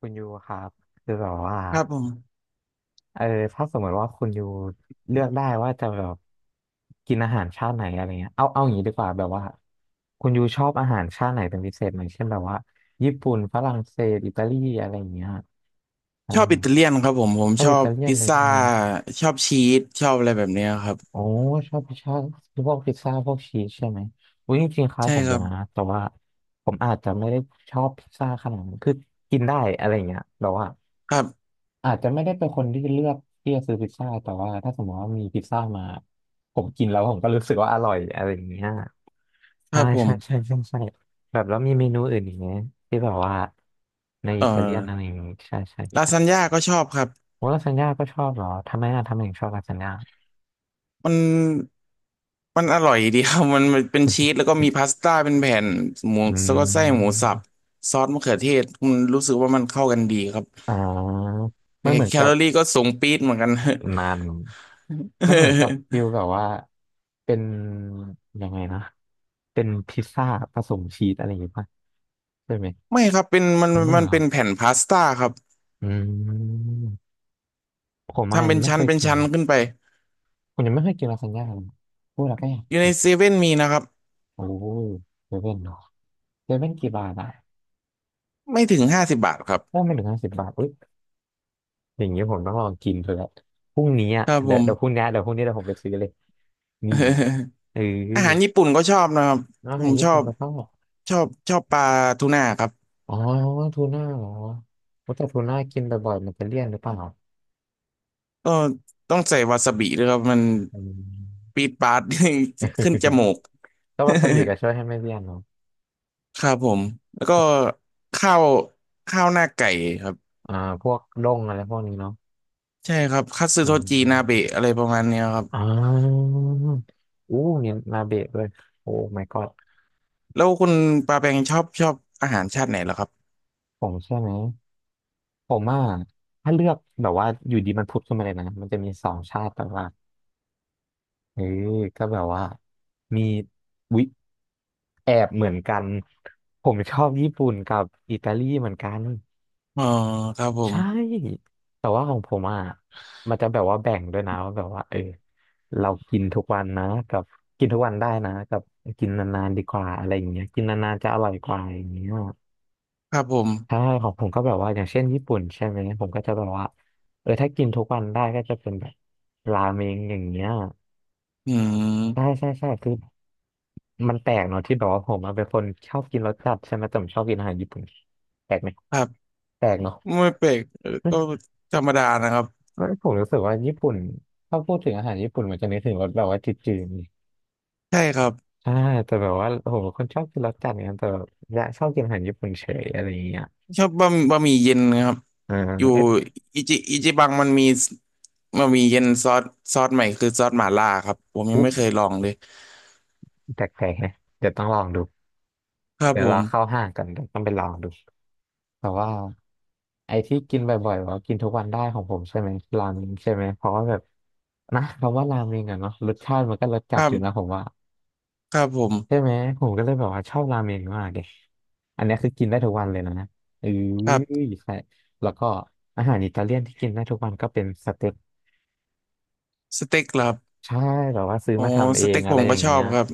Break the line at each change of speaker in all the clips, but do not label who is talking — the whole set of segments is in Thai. คุณยูครับคือแบบว่า
ครับผม
เออถ้าสมมติว่าคุณยูเลือกได้ว่าจะแบบกินอาหารชาติไหนอะไรเงี้ยเอาอย่างนี้ดีกว่าแบบว่าคุณยูชอบอาหารชาติไหนเป็นพิเศษไหมเช่นแบบว่าญี่ปุ่นฝรั่งเศสอิตาลีอะไรอย่างเงี้ยอ่า
ชอบอิตาเลียนครับผม
ชอบ
ชอ
อิ
บ
ตาเลียน
พิซ
เลย
ซ่า
ใช่ไหม
ชอบชีสชอบอะไรแบบเนี้ยครับ
โอ้ชอบพิซซ่าพวกพิซซ่าพวกชีสใช่ไหมอุ้ยจริงๆคล้าย
ใช่
ผม
ค
อยู่
รับ
นะแต่ว่าผมอาจจะไม่ได้ชอบพิซซ่าขนาดนั้นคือกินได้อะไรเงี้ยแบบว่า
ครับ
อาจจะไม่ได้เป็นคนที่เลือกที่จะซื้อพิซซ่าแต่ว่าถ้าสมมติว่ามีพิซซ่ามาผมกินแล้วผมก็รู้สึกว่าอร่อยอะไรอย่างเงี้ย
ค
ใช่
รับผม
ใช่ใช่ใช่ใช่แบบแล้วมีเมนูอื่นอีกไหมที่แบบว่าใน
เอ่
อิ
อ
ตาเลียนอะไรอย่างงี้ใช่ใช่
ลา
ใช่
ซานญ่าก็ชอบครับ
โอ้ลาซานญ่าก็ชอบเหรอทำไมอะทำไมถึงชอบลาซานญ่า
มันมันอร่อยดีครับ มันเป็นชีสแล้วก็มีพาสต้าเป็นแผ่นหมู
อื
แล้วก็ไส้หมู
ม
สับซอสมะเขือเทศมันรู้สึกว่ามันเข้ากันดีครับ
อ่ามันเหมือน
แค
กั
ล
บ
อรี่ก็สูงปี๊ดเหมือนกัน
นานมันเหมือนกับฟิล แบบว่าเป็นยังไงนะเป็นพิซซ่าผสมชีสอะไรอย่างงี้ป่ะใช่ไหม
ไม่ครับเป็นมัน
ทำได้
มั
เหร
น
อค
เป็
รั
น
บ
แผ่นพาสต้าครับ
อืมผมอาจ
ทำ
จะ
เป็
ยั
น
งไม่
ชั้
เค
น
ย
เป็น
กิน
ชั้
เล
น
ย
ขึ้นไป
ผมยังไม่เคยกินลาซานญ่าเลยพูดแล้วก็อยา
อยู่ใน
ก
เซเว่นมีนะครับ
โอ้เซเว่นเนาะเซเว่นกี่บาทอ่ะ
ไม่ถึง50 บาทครับ
ถ้าไม่ถึง50 บาทอุ้ยอย่างนี้ผมต้องลองกินเถอะแหละพรุ่งนี้อ่ะ
ครับผ
เดี๋ยว
ม
เดี๋ยวพรุ่งนี้เดี๋ยวพรุ่งนี้เดี๋ยวผมไปซื้อเลยนี่เออ
อาหารญี่ปุ่นก็ชอบนะครับ
อา
ผ
หาร
ม
ญี่
ชอ
ปุ่น
บ
ก็ชอบ
ชอบปลาทูน่าครับ
อ๋อทูน่าเหรอว่าแต่ทูน่ากินบ่อยๆมันจะเลี่ยนหรือเปล่า
ก็ต้องใส่วาซาบิด้วยครับมัน
อืม
ปีดปาด ขึ้นจมูก
ก็วาซาบิก็ช่วยให้ไม่เลี่ยนเนาะ
ครับผมแล้วก็ข้าวข้าวหน้าไก่ครับ
อ่าพวกด้งอะไรพวกนี้เนาะ
ใช่ครับคัตสึ
อื
โทจินา
ม
เบะอะไรประมาณเนี้ยครับ
อ่าอู้มีนาเบะด้วยโอ้ my god
แล้วคุณปาแปงชอบอาหารชาติไหนเหรอครับ
ผมใช่ไหมผมอ่ะถ้าเลือกแบบว่าอยู่ดีมันพุดขึ้นมาเลยนะมันจะมีสองชาติแบบว่าเออก็แบบว่ามีวิแอบเหมือนกันผมชอบญี่ปุ่นกับอิตาลีเหมือนกัน
อ๋อครับผม
ใช่แต่ว่าของผมอ่ะมันจะแบบว่าแบ่งด้วยนะว่าแบบว่าเออเรากินทุกวันนะกับกินทุกวันได้นะกับกินนานๆดีกว่าอะไรอย่างเงี้ยกินนานๆจะอร่อยกว่าอย่างเงี้ย
ครับผม
ใช่ของผมก็แบบว่าอย่างเช่นญี่ปุ่นใช่ไหมผมก็จะแบบว่าเออถ้ากินทุกวันได้ก็จะเป็นแบบราเมงอย่างเงี้ย
อื
ใช่
ม
ใช่ใช่คือมันแปลกเนาะที่แบบว่าผมอะเป็นคนชอบกินรสจัดใช่ไหมแต่ผมชอบกินอาหารญี่ปุ่นแปลกไหม
ครับ
แปลกเนาะ
ไม่เปลกเออ
อื
ก็
ม
ธรรมดานะครับ
ผมรู้สึกว่าญี่ปุ่นถ้าพูดถึงอาหารญี่ปุ่นมันจะนึกถึงรสแบบว่าจืด
ใช่ครับ
ๆใช่แต่แบบว่าผมเป็นคนชอบกินรสจัดเนี่ยแต่แบบอยากชอบกินอาหารญี่ปุ่นเฉยอะไรอย่างเงี้ย
ชอบบะหมี่เย็นครับ
อ่า
อยู่
เอ๊ะ
อิจิบังมันมีบะหมี่เย็นซอสซอสใหม่คือซอสหม่าล่าครับผมยัง
อุ๊
ไม่เคยลองเลย
แปลกๆนะเดี๋ยวต้องลองดู
ครับ
เดี๋ย
ผ
วเรา
ม
เข้าห้างกันเดี๋ยวต้องไปลองดู แต่ว่าไอ้ที่กินบ่อยๆว่ากินทุกวันได้ของผมใช่ไหมราเมงใช่ไหมเพราะว่าแบบนะคำว่าราเมงอะเนาะรสชาติมันก็รสจั
ค
ด
รั
อยู่นะ
บ
ผมว่า
ครับผม
ใช่ไหมผมก็เลยแบบว่าชอบราเมงมากเลยอันเนี้ยคือกินได้ทุกวันเลยนะเออ
ครับ
ใช่แล้วก็อาหารอิตาเลียนที่กินได้ทุกวันก็เป็นสเต็ก
สเต็กเหรอครับ
ใช่แบบว่าซื้อ
โอ้
มาทำ
ส
เอง
เต็ก
อะ
ผ
ไร
ม
อ
ก็
ย่าง
ชอ
เงี้
บ
ย
ครับ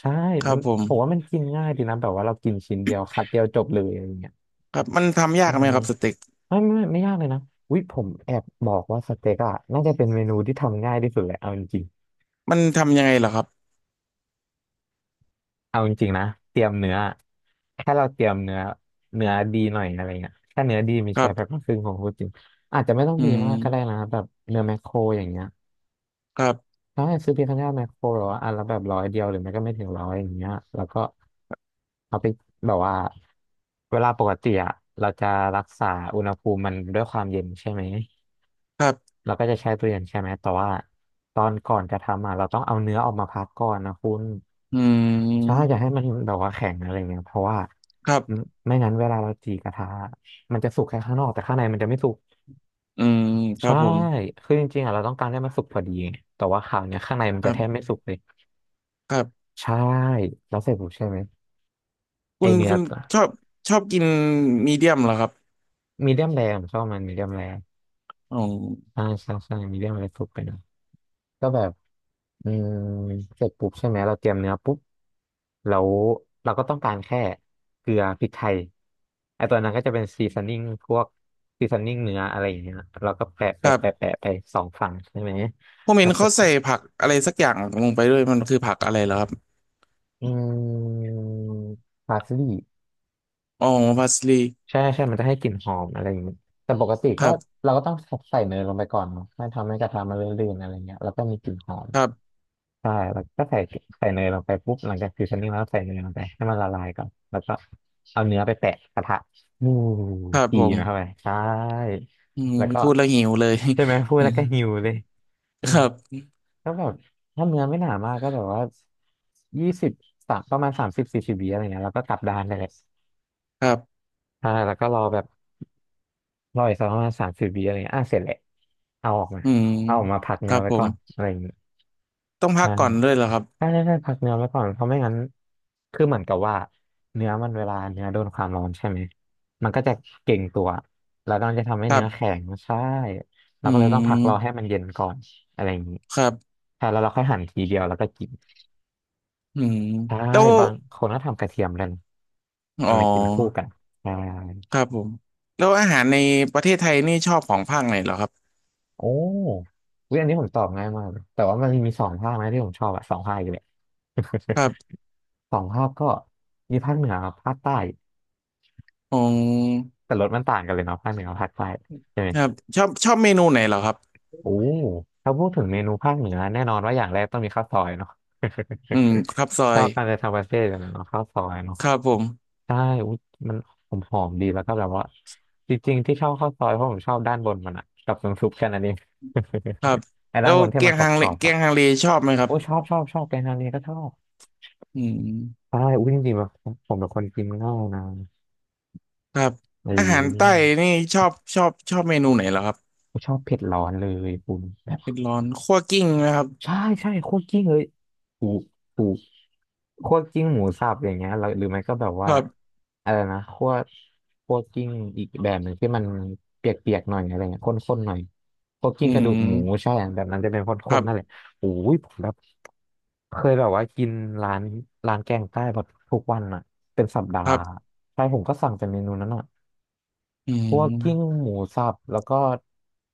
ใช่
ครั
มั
บ
น
ผม
ผมว่ามันกินง่ายดีนะแบบว่าเรากินชิ้นเดียวคัดเดียวจบเลยอะไรอย่างเงี้ย
ครับมันทำยา
อื
กไห
ม
มครับสเต็ก
ไม่ไม่ไม่ยากเลยนะวิผมแอบบอกว่าสเต็กอะน่าจะเป็นเมนูที่ทำง่ายที่สุดเลยเอาจริง
มันทำยังไงเหรอครับ
ๆเอาจริงๆนะเตรียมเนื้อแค่เราเตรียมเนื้อเนื้อดีหน่อยอะไรเงี้ยถ้าเนื้อดีมี
ครั
ใช้แพ็คล
บ
ครึ่งของพูดจริงอาจจะไม่ต้อง
อื
ดีมากก็ได้
ม
นะแบบเนื้อแมคโครอย่างเงี้ย
ครับ
ถ้าให้ซื้อเพียงแค่แมคโครหรอว่าอันละแบบร้อยเดียวหรือไม่ก็ไม่ถึงร้อยอย่างเงี้ยแล้วก็เอาไปแบบว่าเวลาปกติอะเราจะรักษาอุณหภูมิมันด้วยความเย็นใช่ไหม
ครับ
เราก็จะใช้ทุเรียนใช่ไหมแต่ว่าตอนก่อนจะทำอ่ะเราต้องเอาเนื้อออกมาพักก่อนนะคุณ
อื
ใช่
ม
อย่าให้มันแบบว่าแข็งอะไรเงี้ยเพราะว่า
ครับ
ไม่ไม่งั้นเวลาเราจีกระทะมันจะสุกแค่ข้างนอกแต่ข้างในมันจะไม่สุก
อืมครั
ใช่
บผม
คือจริงๆอ่ะเราต้องการให้มันสุกพอดีแต่ว่าคราวเนี้ยข้างในมัน
ค
จะ
รั
แทบ
บ
ไม่สุกเลย
ครับ
ใช่แล้วเสร็จปุ๊บใช่ไหมไอ
คุณ
เนื้อ
คุณชอบชอบกินมีเดียมเหรอครับ
มีเดียมแรงชอบมันมีเดียมแรง
อ๋อ
ใช่ใช่ใช่มีเดียมแรงสุกไปหนะก็แบบ อืมเสร็จปุ๊บใช่ไหมเราเตรียมเนื้อปุ๊บแล้วเราก็ต้องการแค่เกลือพริกไทยไอตัวนั้นก็จะเป็นซีซันนิ่งพวกซีซันนิ่งเนื้ออะไรอย่างเงี้ยเราก็แปะ
ค
แปะ
รั
แปะ
บ
แปะไปสองฝั่งใช่ไหม
ผมเห็
แล้
น
วเส
เขา
ร็จ
ใส่ผักอะไรสักอย่างลงไปด้วยมันคือผักอะไรเหรอครับ
อืมพาสลีย์
อ๋อพาสลี
ใช่ใช่มันจะให้กลิ่นหอมอะไรอย่างเงี้ยแต่ปกติ
ค
ก็
รับ
เราก็ต้องใส่เนยลงไปก่อนเนาะไม่ทำให้กระทะมันเลื่อนๆอะไรเงี้ยแล้วก็มีกลิ่นหอม
ครับ
ใช่แล้วก็ใส่เนยลงไปปุ๊บหลังจากฟิวชั่นนิ่งแล้วใส่เนยลงไปให้มันละลายก่อนแล้วก็เอาเนื้อไปแปะกระทะอู้
ครับ
จี
ผ
นะครับไป
ม
ใช่
อืม
แล้วก็
พูดแล้วหิวเลย
ใช่ไหมพูดแล้วก็หิวเลย
ค
นี่
รับ
ก็แบบถ้าเนื้อไม่หนามากก็แบบว่า20สามประมาณสามสิบ40วิอะไรเงี้ยแล้วก็กลับด้านได้เลย
ครับ
ใช่แล้วก็รอแบบรออีกสักประมาณสามสิบวิอะไรเงี้ยอ่ะเสร็จแหละเอาออกมา
อืม
พัก
ค
เนื้
รั
อ
บ
ไว้
ผ
ก่อ
ม
นอะไรอย่างเงี้ย
ต้องพั
ใช่
กก่อนด้วยเหรอครับ
ใช่ใช่พักเนื้อไว้ก่อนเพราะไม่งั้นคือเหมือนกับว่าเนื้อมันเวลาเนื้อโดนความร้อนใช่ไหมมันก็จะเก่งตัวแล้วมันจะทำให้
ครั
เนื้อ
บ
แข็งใช่เรา
อื
ก็เลยต้องพักรอให้
ม
มันเย็นก่อนอะไรอย่างนี้
ครับ
ใช่แล้วเราค่อยหั่นทีเดียวแล้วก็กิน
อืม
ใช่
แล้ว
บางคนก็ทำกระเทียมเลยนะ
อ๋อ
ทำมากินคู่กันใช่
ครับผมแล้วอาหารในประเทศไทยนี่ชอบของภาคไหนเหรอครับ
โอ้วิอยอันนี้ผมตอบง่ายมากเลยแต่ว่ามันมีสองภาคนะที่ผมชอบอะสองภาคอยู่เลย
ครับ
สองภาคก็มีภาคเหนือกับภาคใต้
อ๋อ
แต่รสมันต่างกันเลยเนาะภาคเหนือกับภาคใต้ใช่ไหม
ครับชอบเมนูไหนเหรอครับ
โอ้ถ้าพูดถึงเมนูภาคเหนือแน่นอนว่าอย่างแรกต้องมีข้าวซอยเนาะ
อืมครับซอ
ชอ
ย
บการจะทำประเทศกันเนาะข้าวซอยเนาะ
ครับผม
ใช่อุ๊ยมันหอมหอมดีแล้วก็แบบว่าจริงๆที่ชอบข้าวซอยเพราะผมชอบด้านบนมันอะกับน้ำซุปแค่นั้นเอง
ครับ
ไอ้
แล้
ด้าน
ว
บนที่
เกีย
มัน
ง
กร
ฮังเล
อบๆ
เกีย
อะ
งฮังเลชอบไหมครับ
โอ้ยชอบแกงฮังเลก็ชอบ
อืม
ใช่อุ้ยจริงๆแบบผมเป็นคนกินง่ายนะ
ครับ
เ
อาหารใต้
ออ
นี่ชอบเมนูไหนเหรอครับ
ชอบเผ็ดร้อนเลยคุณ
เผ็ดร้อนคั่วกลิ้งนะครับ
ใช่ใช่คั่วกลิ้งเลยถูกถูกคั่วกลิ้งหมูสับอย่างเงี้ยแล้วหรือไม่ก็แบบ
ค
ว่า
รับ
อะไรนะคั่วกลิ้งอีกแบบหนึ่งที่มันเปียกๆหน่อยอะไรเงี้ยข้นๆหน่อยคั่วกลิ้
อื
งกระดูกหมู
ม
ใช่แบบนั้นจะเป็นข
ค
้
รั
นๆนั่นแหละ
บ
โอ้ยผมแบบเคยแบบว่ากินร้านร้านแกงใต้แบบทุกวันอ่ะเป็นสัปดา
ค
ห์
รับ
ใช่ผมก็สั่งแต่เมนูนั้นอ่ะ
อื
พวกกิ้ง
ม
หมูสับแล้วก็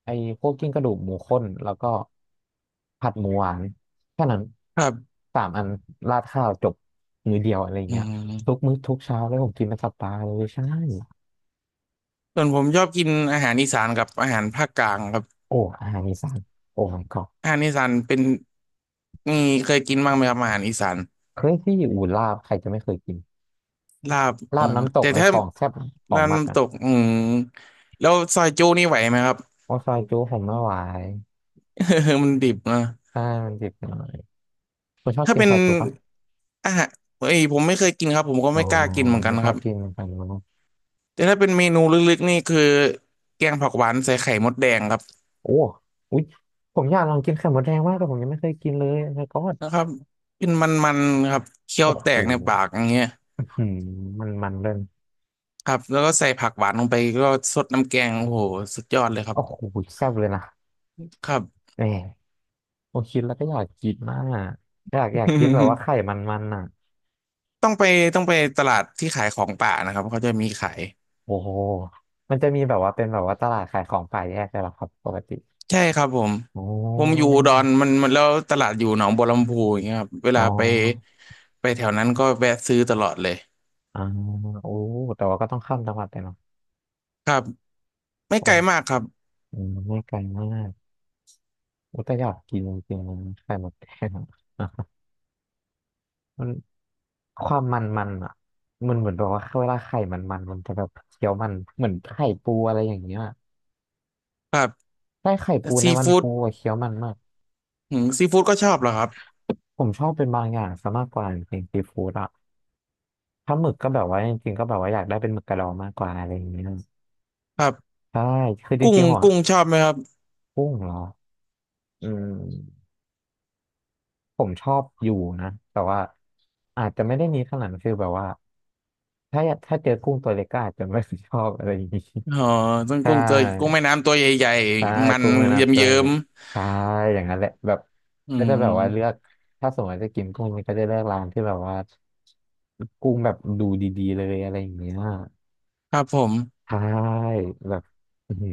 ไอ้พวกกิ้งกระดูกหมูข้นแล้วก็ผัดหมูหวานแค่นั้น
ครับ
สามอันราดข้าวจบมื้อเดียวอะไร
อื
เงี้ยทุก
ม
มื้อทุกเช้าแล้วผมกินเป็นสัปดาห์เลยใช่
ส่วนผมชอบกินอาหารอีสานกับอาหารภาคกลางครับ
โอ้อาหารอีสานโอ้ my god
อาหารอีสานเป็นนี่เคยกินบ้างไหมครับอาหารอีสาน
เคยที่อยู่ลาบใครจะไม่เคยกิน
ลาบอ๋
ลา
อ
บน้ำตก
แต่
ไอ้
ถ้า
ของแซ่บของ
ลาบ
มัก
น้ำ
อ่ะ
ตกอืมแล้วซอยจูนี่ไหวไหมครับ
โอ้ซอยจุผมไม่ไหว
มันดิบนะ
ใช่มันเจ็บหน่อยคุณชอบ
ถ้า
กิน
เป็น
ซอยจุปะ
อาหารเอ้ยผมไม่เคยกินครับผมก็
อ๋อ
ไม่กล้ากินเหมือนกั
ไม่
น
ก
ค
ล้า
รับ
กินเหมือนกัน
แต่ถ้าเป็นเมนูลึกๆนี่คือแกงผักหวานใส่ไข่มดแดงครับ
โอ้อุ๊ยผมอยากลองกินไข่มดแดงมากแต่ผมยังไม่เคยกินเลยแล้วก็
นะครับเป็นมันๆครับเคี้ย
โอ้
วแต
โห
กในปากอย่างเงี้ย
หืมมันมันเลย
ครับแล้วก็ใส่ผักหวานลงไปก็สดน้ำแกงโอ้โหสุดยอดเลยครับ
โอ้โหแซ่บเลยนะ
ครับ
แหมผมคิดแล้วก็อยากกินมากอะอยากกินแบบว่า ไข่มันมันอ่ะ
ต้องไปตลาดที่ขายของป่านะครับเขาจะมีขาย
โอ้โหมันจะมีแบบว่าเป็นแบบว่าตลาดขายของป่าแยกเลยเหรอครับปกติ
ใช่ครับผม
โอ้
ผมอยู่
ย
อุดอนมันมันแล้วตลาดอยู่หนองบัวลำพูอย่างเงี้ยครับเว
อ๋อ
ลาไปไปแถวนั้นก็แวะซื้อตลอดเลย
อ่าโอ้แต่ว่าก็ต้องข้ามจังหวัดไปเนาะ
ครับไม่
โอ
ไกลมาก
้
ครับ
อืมไม่ไกลมากโอ้แต่อยากกินจริงๆนะไข่มดแดงอะ มันความมันมันอ่ะมันเหมือนแบบว่าเวลาไข่มันมันมันจะแบบเคี้ยวมันเหมือนไข่ปูอะไรอย่างเงี้ย
ครับ
ใช่ไข่ปูใน
ซี
มัน
ฟู้ด
ปูอะเคี้ยวมันมาก
หืมซีฟู้ดก็ชอบเหรอครับ
ผมชอบเป็นบางอย่างซะมากกว่าจริงๆซีฟู้ดอ่ะถ้าหมึกก็แบบว่าจริงๆก็แบบว่าอยากได้เป็นหมึกกระดองมากกว่าอะไรอย่างเงี้ย
ครับ
ใช่คือจ
กุ้ง
ริงๆหัว
กุ้งชอบไหมครับ
กุ้งเหรออืมผมชอบอยู่นะแต่ว่าอาจจะไม่ได้มีขนาดนั้นคือแบบว่าถ้าเจอกุ้งตัวเล็กก็อาจจะไม่ ชอบอะไรอย่างงี้
อ๋อต้น
ใช่
กุ้งตัวกุ้งแม่น้ำตัวใหญ่
ใช่
ๆมัน
กุ้งแม่
เ
น้ำจ้อย
ยิ้
เนี่
ม
ยใช่อย่างนั้นแหละแบบ
ๆอื
ก็จะ
ม
แบบว่าเลือกถ้าสมมติจะกินกุ้งมันก็จะเลือกร้านที่แบบว่ากุ้งแบบดูดีๆเลยอะไรอย่างเงี้ย
ครับผม
ใช่แบบอือหือ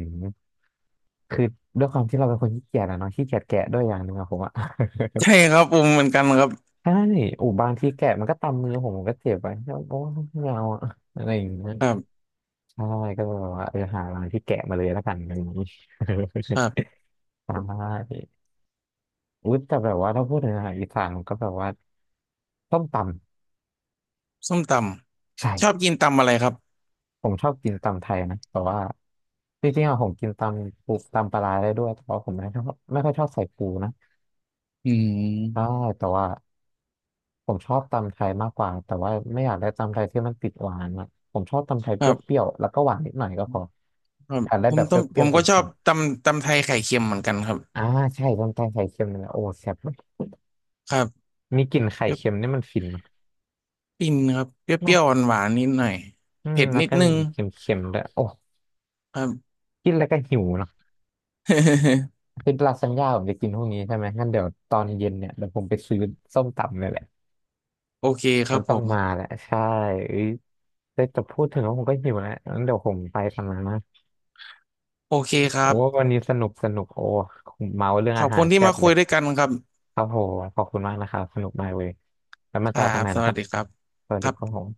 คือด้วยความที่เราเป็นคนขี้เกียจอะเนาะขี้เกียจแกะด้วยอย่างหนึ่งอะผมอะ
ใช่ครับผมเหมือนกันครับ
ใช่อูบางทีแกะมันก็ตำมือผมก็เจ็บไป โอ้ไม่เอาอะอะไรอย่างเงี้ย
ครับ
ใช่ก็เลยแบบว่าเออหาร้านที่แกะมาเลยแล้วกันอะไรอย่างงี้
ครับ
ใช่ อุยแต่แบบว่าถ้าพูดถึงอาหารอีสานผมก็แบบว่าส้มต
ส้มต
ำ
ำชอบ
ใช่
กินตำอะไรครับ
ผมชอบกินตำไทยนะแต่ว่าจริงๆอะผมกินตำปูตำปลาร้าได้ด้วยแต่ว่าผมไม่ชอบไม่ค่อยชอบใส่ปูนะ
อื
ใช่
ม
แต่ว่าผมชอบตำไทยมากกว่าแต่ว่าไม่อยากได้ตำไทยที่มันติดหวานอะผมชอบตำไทย
ค
เปร
รั
ี้
บ
ยวๆแล้วก็หวานนิดหน่อยก็พอ
ครับ
อยากได้
ผ
แบ
ม
บเป
ต้มผ
รี้ย
ม
วๆจ
ก็ชอ
ริ
บ
ง
ตำไทยไข่เค็มเหมือนกันครับ
ๆอ่าใช่ตำไทยไข่เค็มนี่แหละโอ้แซ่บเลย
ครับ
มีกลิ่นไข่
เปรี้ยว
เค็มนี่มันฟินเน
ปิ้นครับเปรี้ยว
อะ
ๆหวานๆนิดหน่อย
อืม
เผ็ด
แล้ว
นิด
ก็
นึง
เค็มๆด้วยโอ้
ครับ
กินแล้วก็หิวเนอะ คือลาซานญ่าผมจะกินพวกนี้ใช่ไหมงั้นเดี๋ยวตอนเย็นเนี่ยเดี๋ยวผมไปซื้อส้มตำเนี่ยแหละ
โอเคค
มั
รั
น
บ
ต้
ผ
องมา
ม
แหละใช่เอ้ยแต่จะพูดถึงแล้วผมก็หิวแล้วงั้นเดี๋ยวผมไปทำงานนะ
โอเคครั
โอ้
บ
วันนี้สนุกสนุกโอ้เมาเรื่อง
ขอ
อา
บ
หา
คุ
ร
ณที่
แซ่บ
มา
เล
คุย
ย
ด้วยกันครับ
ครับผมขอบคุณมากนะครับสนุกมากเลยแล้วมา
ค
เจ
รั
อกันให
บ
ม่
ส
นะค
วัส
รับ
ดีครับ
สวัส
ค
ดี
รับ
ครับผม